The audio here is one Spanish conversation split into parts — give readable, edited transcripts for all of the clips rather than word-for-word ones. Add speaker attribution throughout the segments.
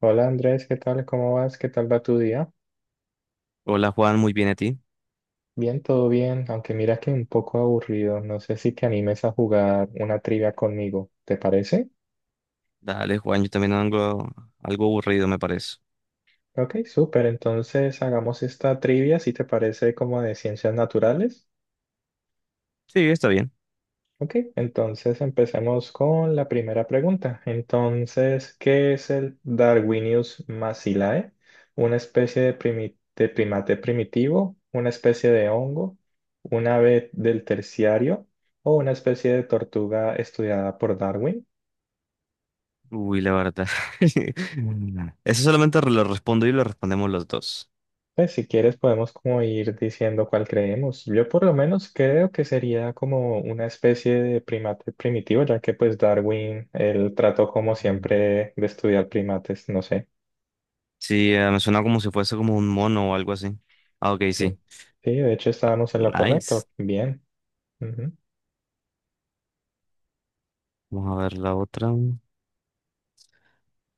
Speaker 1: Hola Andrés, ¿qué tal? ¿Cómo vas? ¿Qué tal va tu día?
Speaker 2: Hola Juan, muy bien a ti.
Speaker 1: Bien, todo bien, aunque mira que un poco aburrido. No sé si te animes a jugar una trivia conmigo, ¿te parece?
Speaker 2: Dale Juan, yo también ando algo aburrido me parece.
Speaker 1: Ok, súper. Entonces hagamos esta trivia, si te parece, como de ciencias naturales.
Speaker 2: Sí, está bien.
Speaker 1: Ok, entonces empecemos con la primera pregunta. Entonces, ¿qué es el Darwinius macilae? ¿Una especie de, de primate primitivo? ¿Una especie de hongo? ¿Un ave del terciario? ¿O una especie de tortuga estudiada por Darwin?
Speaker 2: Uy, la verdad. Mm. Eso solamente lo respondo y lo respondemos los dos.
Speaker 1: Pues si quieres podemos como ir diciendo cuál creemos. Yo por lo menos creo que sería como una especie de primate primitivo, ya que pues Darwin, él trató como
Speaker 2: Mm.
Speaker 1: siempre de estudiar primates, no sé.
Speaker 2: Sí, me suena como si fuese como un mono o algo así. Ah, ok,
Speaker 1: Sí,
Speaker 2: sí.
Speaker 1: sí, de hecho estábamos en lo
Speaker 2: Nice.
Speaker 1: correcto. Bien. Ujú.
Speaker 2: Vamos a ver la otra.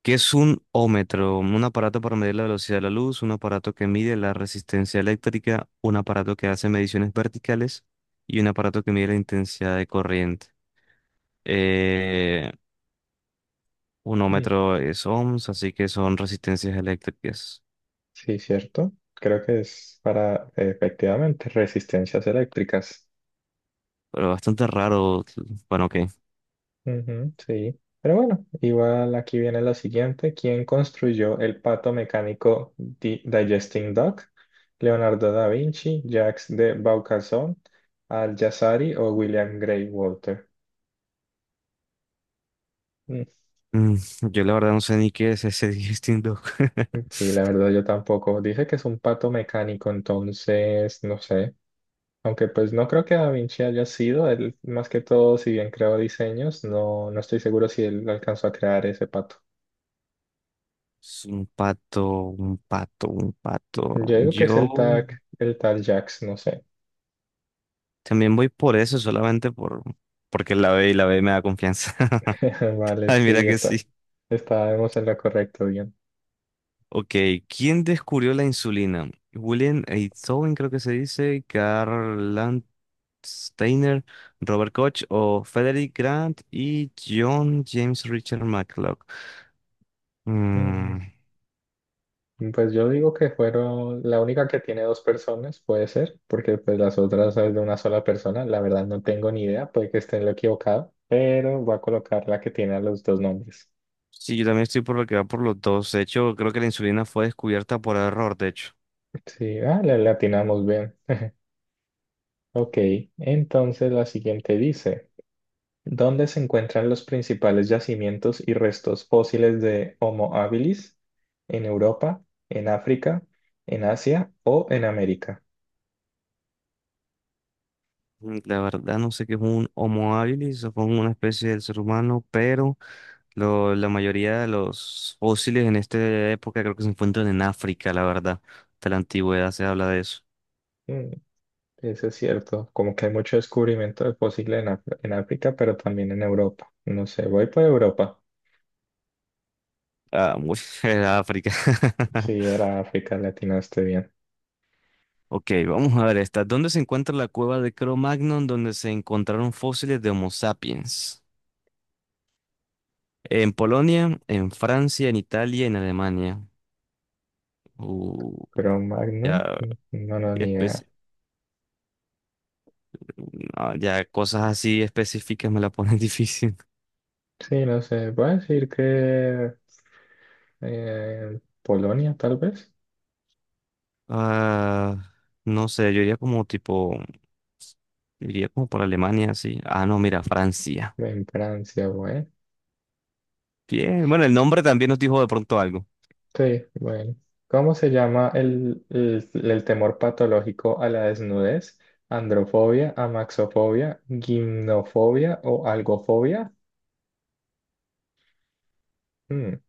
Speaker 2: ¿Qué es un ómetro? Un aparato para medir la velocidad de la luz, un aparato que mide la resistencia eléctrica, un aparato que hace mediciones verticales y un aparato que mide la intensidad de corriente. Eh,
Speaker 1: Mm,
Speaker 2: Unómetro es ohms, así que son resistencias eléctricas.
Speaker 1: Sí, cierto. Creo que es para, efectivamente, resistencias eléctricas.
Speaker 2: Pero bastante raro. Bueno, ok.
Speaker 1: Ujú, sí. Pero bueno, igual aquí viene la siguiente. ¿Quién construyó el pato mecánico Digesting Duck? ¿Leonardo da Vinci, Jacques de Vaucanson, Al-Jazari o William Grey Walter? Mm,
Speaker 2: Mm, yo la verdad no sé ni qué es ese Digesting Dog.
Speaker 1: Sí, la verdad yo tampoco. Dice que es un pato mecánico, entonces no sé. Aunque pues no creo que Da Vinci haya sido, él más que todo, si bien creó diseños, no, no estoy seguro si él alcanzó a crear ese pato.
Speaker 2: Es un pato, un pato, un pato.
Speaker 1: Yo digo que es
Speaker 2: Yo
Speaker 1: el tag, el tal Jax, no sé.
Speaker 2: también voy por eso, solamente porque la B y la B me da confianza.
Speaker 1: Vale,
Speaker 2: Ay, mira
Speaker 1: sí,
Speaker 2: que
Speaker 1: está.
Speaker 2: sí.
Speaker 1: Estábamos en lo correcto, bien.
Speaker 2: Ok, ¿quién descubrió la insulina? William Einthoven, creo que se dice, Karl Steiner, Robert Koch o Frederick Grant y John James Richard McClock.
Speaker 1: Mm.
Speaker 2: Mm,
Speaker 1: Pues yo digo que fueron, la única que tiene dos personas, puede ser, porque pues las otras es de una sola persona, la verdad no tengo ni idea, puede que esté en lo equivocado, pero voy a colocar la que tiene a los dos nombres.
Speaker 2: sí, yo también estoy por lo que va por los dos. De hecho, creo que la insulina fue descubierta por error, de hecho.
Speaker 1: Sí, ah, le atinamos bien. Ok, entonces la siguiente dice, ¿dónde se encuentran los principales yacimientos y restos fósiles de Homo habilis? ¿En Europa, en África, en Asia o en América?
Speaker 2: La verdad no sé qué es un Homo habilis, supongo una especie del ser humano, pero la mayoría de los fósiles en esta época creo que se encuentran en África, la verdad. De la antigüedad se habla de eso.
Speaker 1: Mm, eso es cierto, como que hay mucho descubrimiento de fósiles en, en África, pero también en Europa. No sé, voy por Europa.
Speaker 2: Ah, muy era África.
Speaker 1: Sí, era África, le atinaste bien.
Speaker 2: Ok, vamos a ver esta. ¿Dónde se encuentra la cueva de Cro-Magnon donde se encontraron fósiles de Homo sapiens? En Polonia, en Francia, en Italia, en Alemania. Uh,
Speaker 1: Pero Magnum,
Speaker 2: ya,
Speaker 1: mm, no, no, ni idea.
Speaker 2: especi- no, ya cosas así específicas me la ponen difícil.
Speaker 1: Sí, no sé, voy a decir que Polonia, tal vez.
Speaker 2: Ah, no sé, yo iría como tipo, iría como por Alemania, sí. Ah, no, mira, Francia.
Speaker 1: En Francia, bueno.
Speaker 2: Bien, bueno, el nombre también nos dijo de pronto algo.
Speaker 1: Sí, bueno. ¿Cómo se llama el temor patológico a la desnudez? ¿Androfobia, amaxofobia, gimnofobia o algofobia? Mm,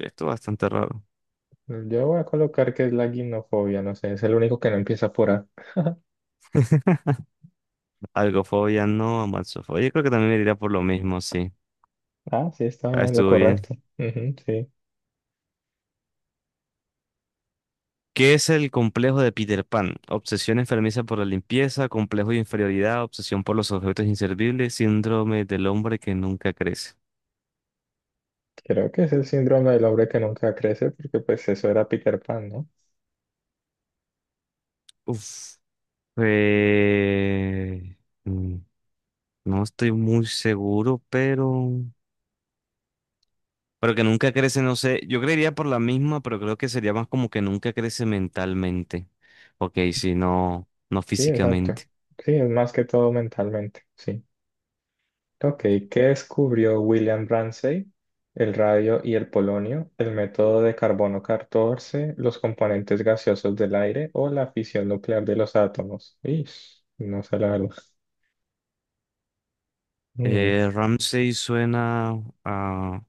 Speaker 2: Esto es bastante raro.
Speaker 1: Yo voy a colocar que es la gimnofobia, no sé, es el único que no empieza por A.
Speaker 2: Algofobia, no, amaxofobia. Yo creo que también me iría por lo mismo, sí.
Speaker 1: Ah, sí, está
Speaker 2: Ah,
Speaker 1: lo
Speaker 2: estuvo bien.
Speaker 1: correcto. Ujú, sí,
Speaker 2: ¿Qué es el complejo de Peter Pan? Obsesión enfermiza por la limpieza, complejo de inferioridad, obsesión por los objetos inservibles, síndrome del hombre que nunca crece.
Speaker 1: creo que es el síndrome del hombre que nunca crece, porque pues eso era Peter Pan, ¿no?
Speaker 2: Uf. Eh... mm, No estoy muy seguro, pero... Pero que nunca crece, no sé. Yo creería por la misma, pero creo que sería más como que nunca crece mentalmente. Ok, sí, no, no
Speaker 1: Sí, exacto.
Speaker 2: físicamente.
Speaker 1: Sí, es más que todo mentalmente, sí. Ok, ¿qué descubrió William Ramsay? El radio y el polonio, el método de carbono 14, los componentes gaseosos del aire o la fisión nuclear de los átomos. Ish, no sé la verdad. Mm,
Speaker 2: Ramsey suena a...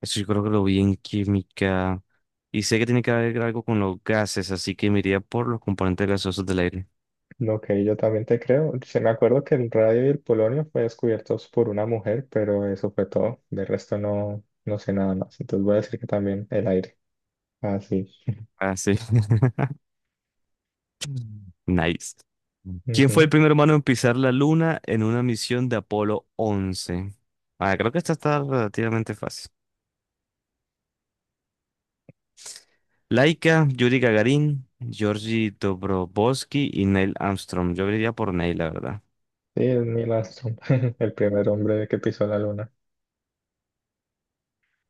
Speaker 2: Eso yo creo que lo vi en química. Y sé que tiene que ver algo con los gases, así que me iría por los componentes gaseosos del aire.
Speaker 1: ok, yo también te creo. Se me acuerdo que el radio y el polonio fue descubiertos por una mujer, pero eso fue todo. De resto no, no sé nada más. Entonces voy a decir que también el aire. Ah, sí.
Speaker 2: Ah, sí. Nice. ¿Quién fue
Speaker 1: Ujú.
Speaker 2: el primer humano en pisar la luna en una misión de Apolo 11? Ah, creo que esta está relativamente fácil. Laika, Yuri Gagarin, Georgi Dobrovolsky y Neil Armstrong. Yo diría por Neil, la verdad.
Speaker 1: Sí, es Neil Armstrong, el primer hombre que pisó la luna.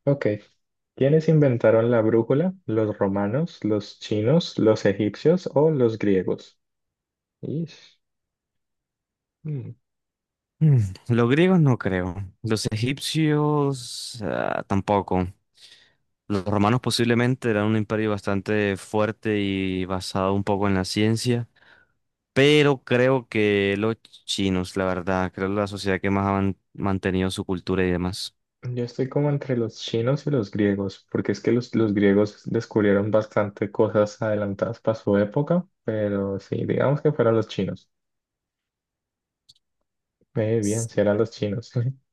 Speaker 1: Ok. ¿Quiénes inventaron la brújula? ¿Los romanos, los chinos, los egipcios o los griegos? Ish. Mm.
Speaker 2: Mm, Los griegos no creo. Los egipcios tampoco. Los romanos posiblemente eran un imperio bastante fuerte y basado un poco en la ciencia. Pero creo que los chinos, la verdad, creo que la sociedad que más ha mantenido su cultura y demás.
Speaker 1: Yo estoy como entre los chinos y los griegos, porque es que los griegos descubrieron bastante cosas adelantadas para su época, pero sí, digamos que fueron los chinos. Bien,
Speaker 2: Sí.
Speaker 1: si eran los chinos.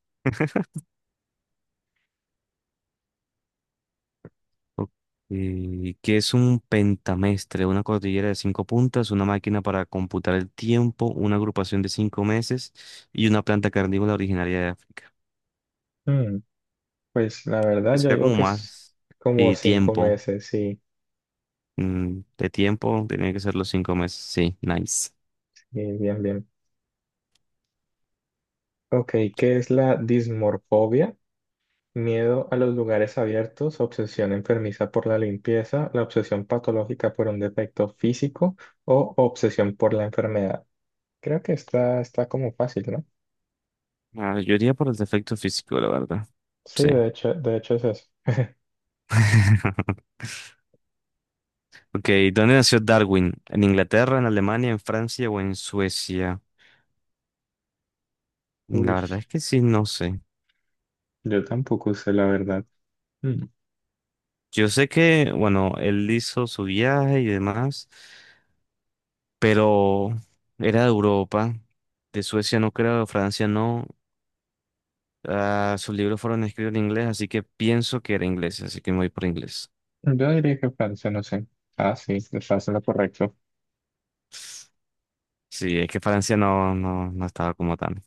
Speaker 2: Ok, ¿qué es un pentamestre? Una cordillera de cinco puntas, una máquina para computar el tiempo, una agrupación de 5 meses y una planta carnívora originaria de África.
Speaker 1: Mm, Pues la
Speaker 2: Que
Speaker 1: verdad, yo
Speaker 2: sería
Speaker 1: digo
Speaker 2: como
Speaker 1: que es
Speaker 2: más
Speaker 1: como
Speaker 2: y
Speaker 1: cinco
Speaker 2: tiempo.
Speaker 1: meses, sí,
Speaker 2: De tiempo, tenía que ser los 5 meses. Sí, nice.
Speaker 1: sí, bien, bien. Ok, ¿qué es la dismorfobia? Miedo a los lugares abiertos, obsesión enfermiza por la limpieza, la obsesión patológica por un defecto físico o obsesión por la enfermedad. Creo que está, está como fácil, ¿no?
Speaker 2: Ah, yo iría por el defecto físico, la verdad.
Speaker 1: Sí,
Speaker 2: Sí.
Speaker 1: de hecho es eso.
Speaker 2: Ok, ¿dónde nació Darwin? ¿En Inglaterra, en Alemania, en Francia o en Suecia? La
Speaker 1: Uy,
Speaker 2: verdad es que sí, no sé.
Speaker 1: yo tampoco sé la verdad. Mm,
Speaker 2: Yo sé que, bueno, él hizo su viaje y demás, pero era de Europa, de Suecia no creo, de Francia no. Ah, sus libros fueron escritos en inglés, así que pienso que era inglés, así que me voy por inglés.
Speaker 1: Yo diría que Francia, no sé. Ah, sí, estás en lo correcto.
Speaker 2: Sí, es que Francia no, no, no estaba como tan.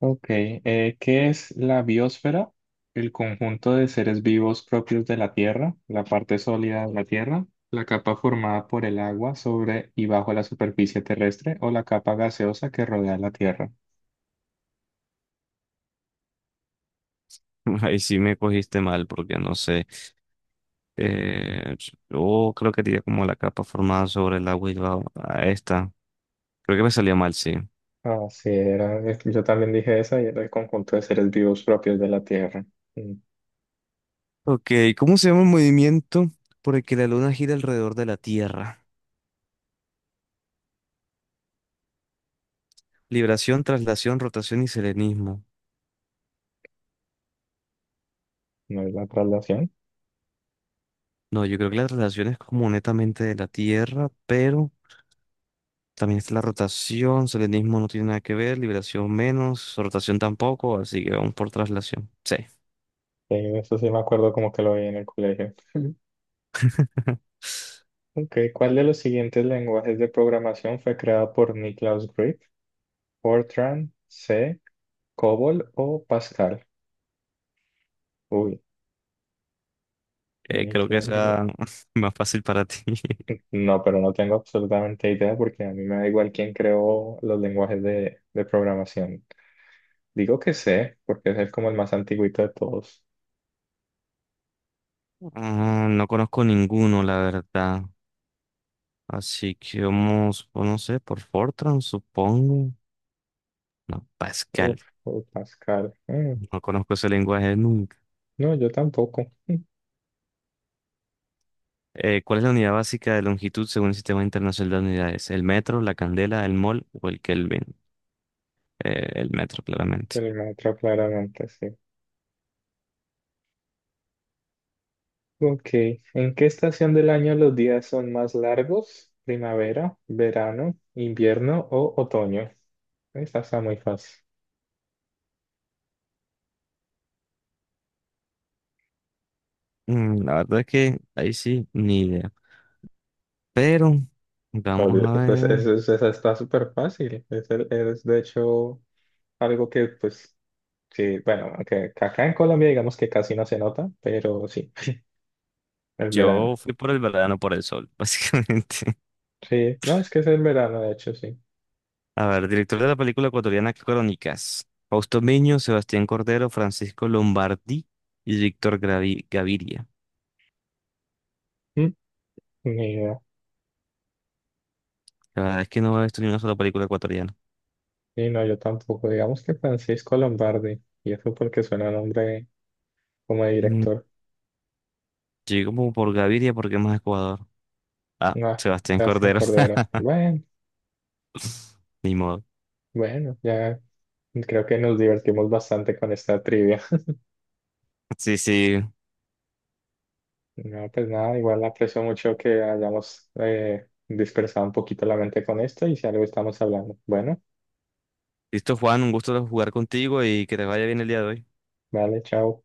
Speaker 1: Ok, ¿qué es la biosfera? El conjunto de seres vivos propios de la Tierra, la parte sólida de la Tierra, la capa formada por el agua sobre y bajo la superficie terrestre o la capa gaseosa que rodea la Tierra.
Speaker 2: Ahí sí me cogiste mal porque no sé. Eh, yo creo que diría como la capa formada sobre el agua y va a esta. Creo que me salió mal, sí.
Speaker 1: Ah, sí, era, yo también dije esa y era el conjunto de seres vivos propios de la Tierra. Mm,
Speaker 2: Ok, ¿cómo se llama el movimiento por el que la luna gira alrededor de la Tierra? Libración, traslación, rotación y selenismo.
Speaker 1: No es la traslación.
Speaker 2: No, yo creo que la traslación es como netamente de la Tierra, pero también está la rotación, selenismo no tiene nada que ver, liberación menos, rotación tampoco, así que vamos por traslación. Sí.
Speaker 1: Eso sí me acuerdo como que lo vi en el colegio. Ok, ¿cuál de los siguientes lenguajes de programación fue creado por Nicholas Grigg? Fortran, C. ¿Cobol o Pascal? Uy,
Speaker 2: Creo que
Speaker 1: Nicolás. Bro-
Speaker 2: sea más fácil para ti.
Speaker 1: No, pero no tengo absolutamente idea porque a mí me da igual quién creó los lenguajes de programación. Digo que sé, porque como el más antiguito de todos.
Speaker 2: Ah, no conozco ninguno, la verdad. Así que vamos, pues, no sé, por Fortran, supongo. No, Pascal.
Speaker 1: Uf, uy, Pascal.
Speaker 2: No conozco ese lenguaje nunca.
Speaker 1: No, yo tampoco.
Speaker 2: ¿Cuál es la unidad básica de longitud según el Sistema Internacional de Unidades? ¿El metro, la candela, el mol o el Kelvin? El metro, claramente.
Speaker 1: El maestro claramente sí. Ok, ¿en qué estación del año los días son más largos? ¿Primavera, verano, invierno o otoño? Esta está muy fácil.
Speaker 2: La verdad es que ahí sí, ni idea. Pero,
Speaker 1: Oh,
Speaker 2: vamos
Speaker 1: Dios,
Speaker 2: a
Speaker 1: pues,
Speaker 2: ver.
Speaker 1: eso, esa está súper fácil. Es, de hecho algo que, pues, sí, bueno, aunque acá en Colombia digamos que casi no se nota, pero sí, el verano.
Speaker 2: Yo fui por el verano, por el sol, básicamente.
Speaker 1: Sí, no, es que es el verano, de hecho, sí.
Speaker 2: A ver, director de la película ecuatoriana Crónicas. Fausto Miño, Sebastián Cordero, Francisco Lombardi y Víctor Gaviria.
Speaker 1: Mm, Ni idea.
Speaker 2: La verdad es que no he visto ni una sola película ecuatoriana.
Speaker 1: Sí, no, yo tampoco. Digamos que Francisco Lombardi, y eso porque suena nombre como de
Speaker 2: Mm,
Speaker 1: director.
Speaker 2: Llegué como por Gaviria porque es más de Ecuador. Ah,
Speaker 1: Ah,
Speaker 2: Sebastián
Speaker 1: Sebastián
Speaker 2: Cordero.
Speaker 1: Cordero. Bueno,
Speaker 2: Ni modo.
Speaker 1: bueno, ya creo que nos divertimos bastante con esta trivia.
Speaker 2: Sí, sí.
Speaker 1: No, pues nada, igual aprecio mucho que hayamos dispersado un poquito la mente con esto y si algo estamos hablando. Bueno,
Speaker 2: Listo, Juan, un gusto jugar contigo y que te vaya bien el día de hoy.
Speaker 1: vale, chao.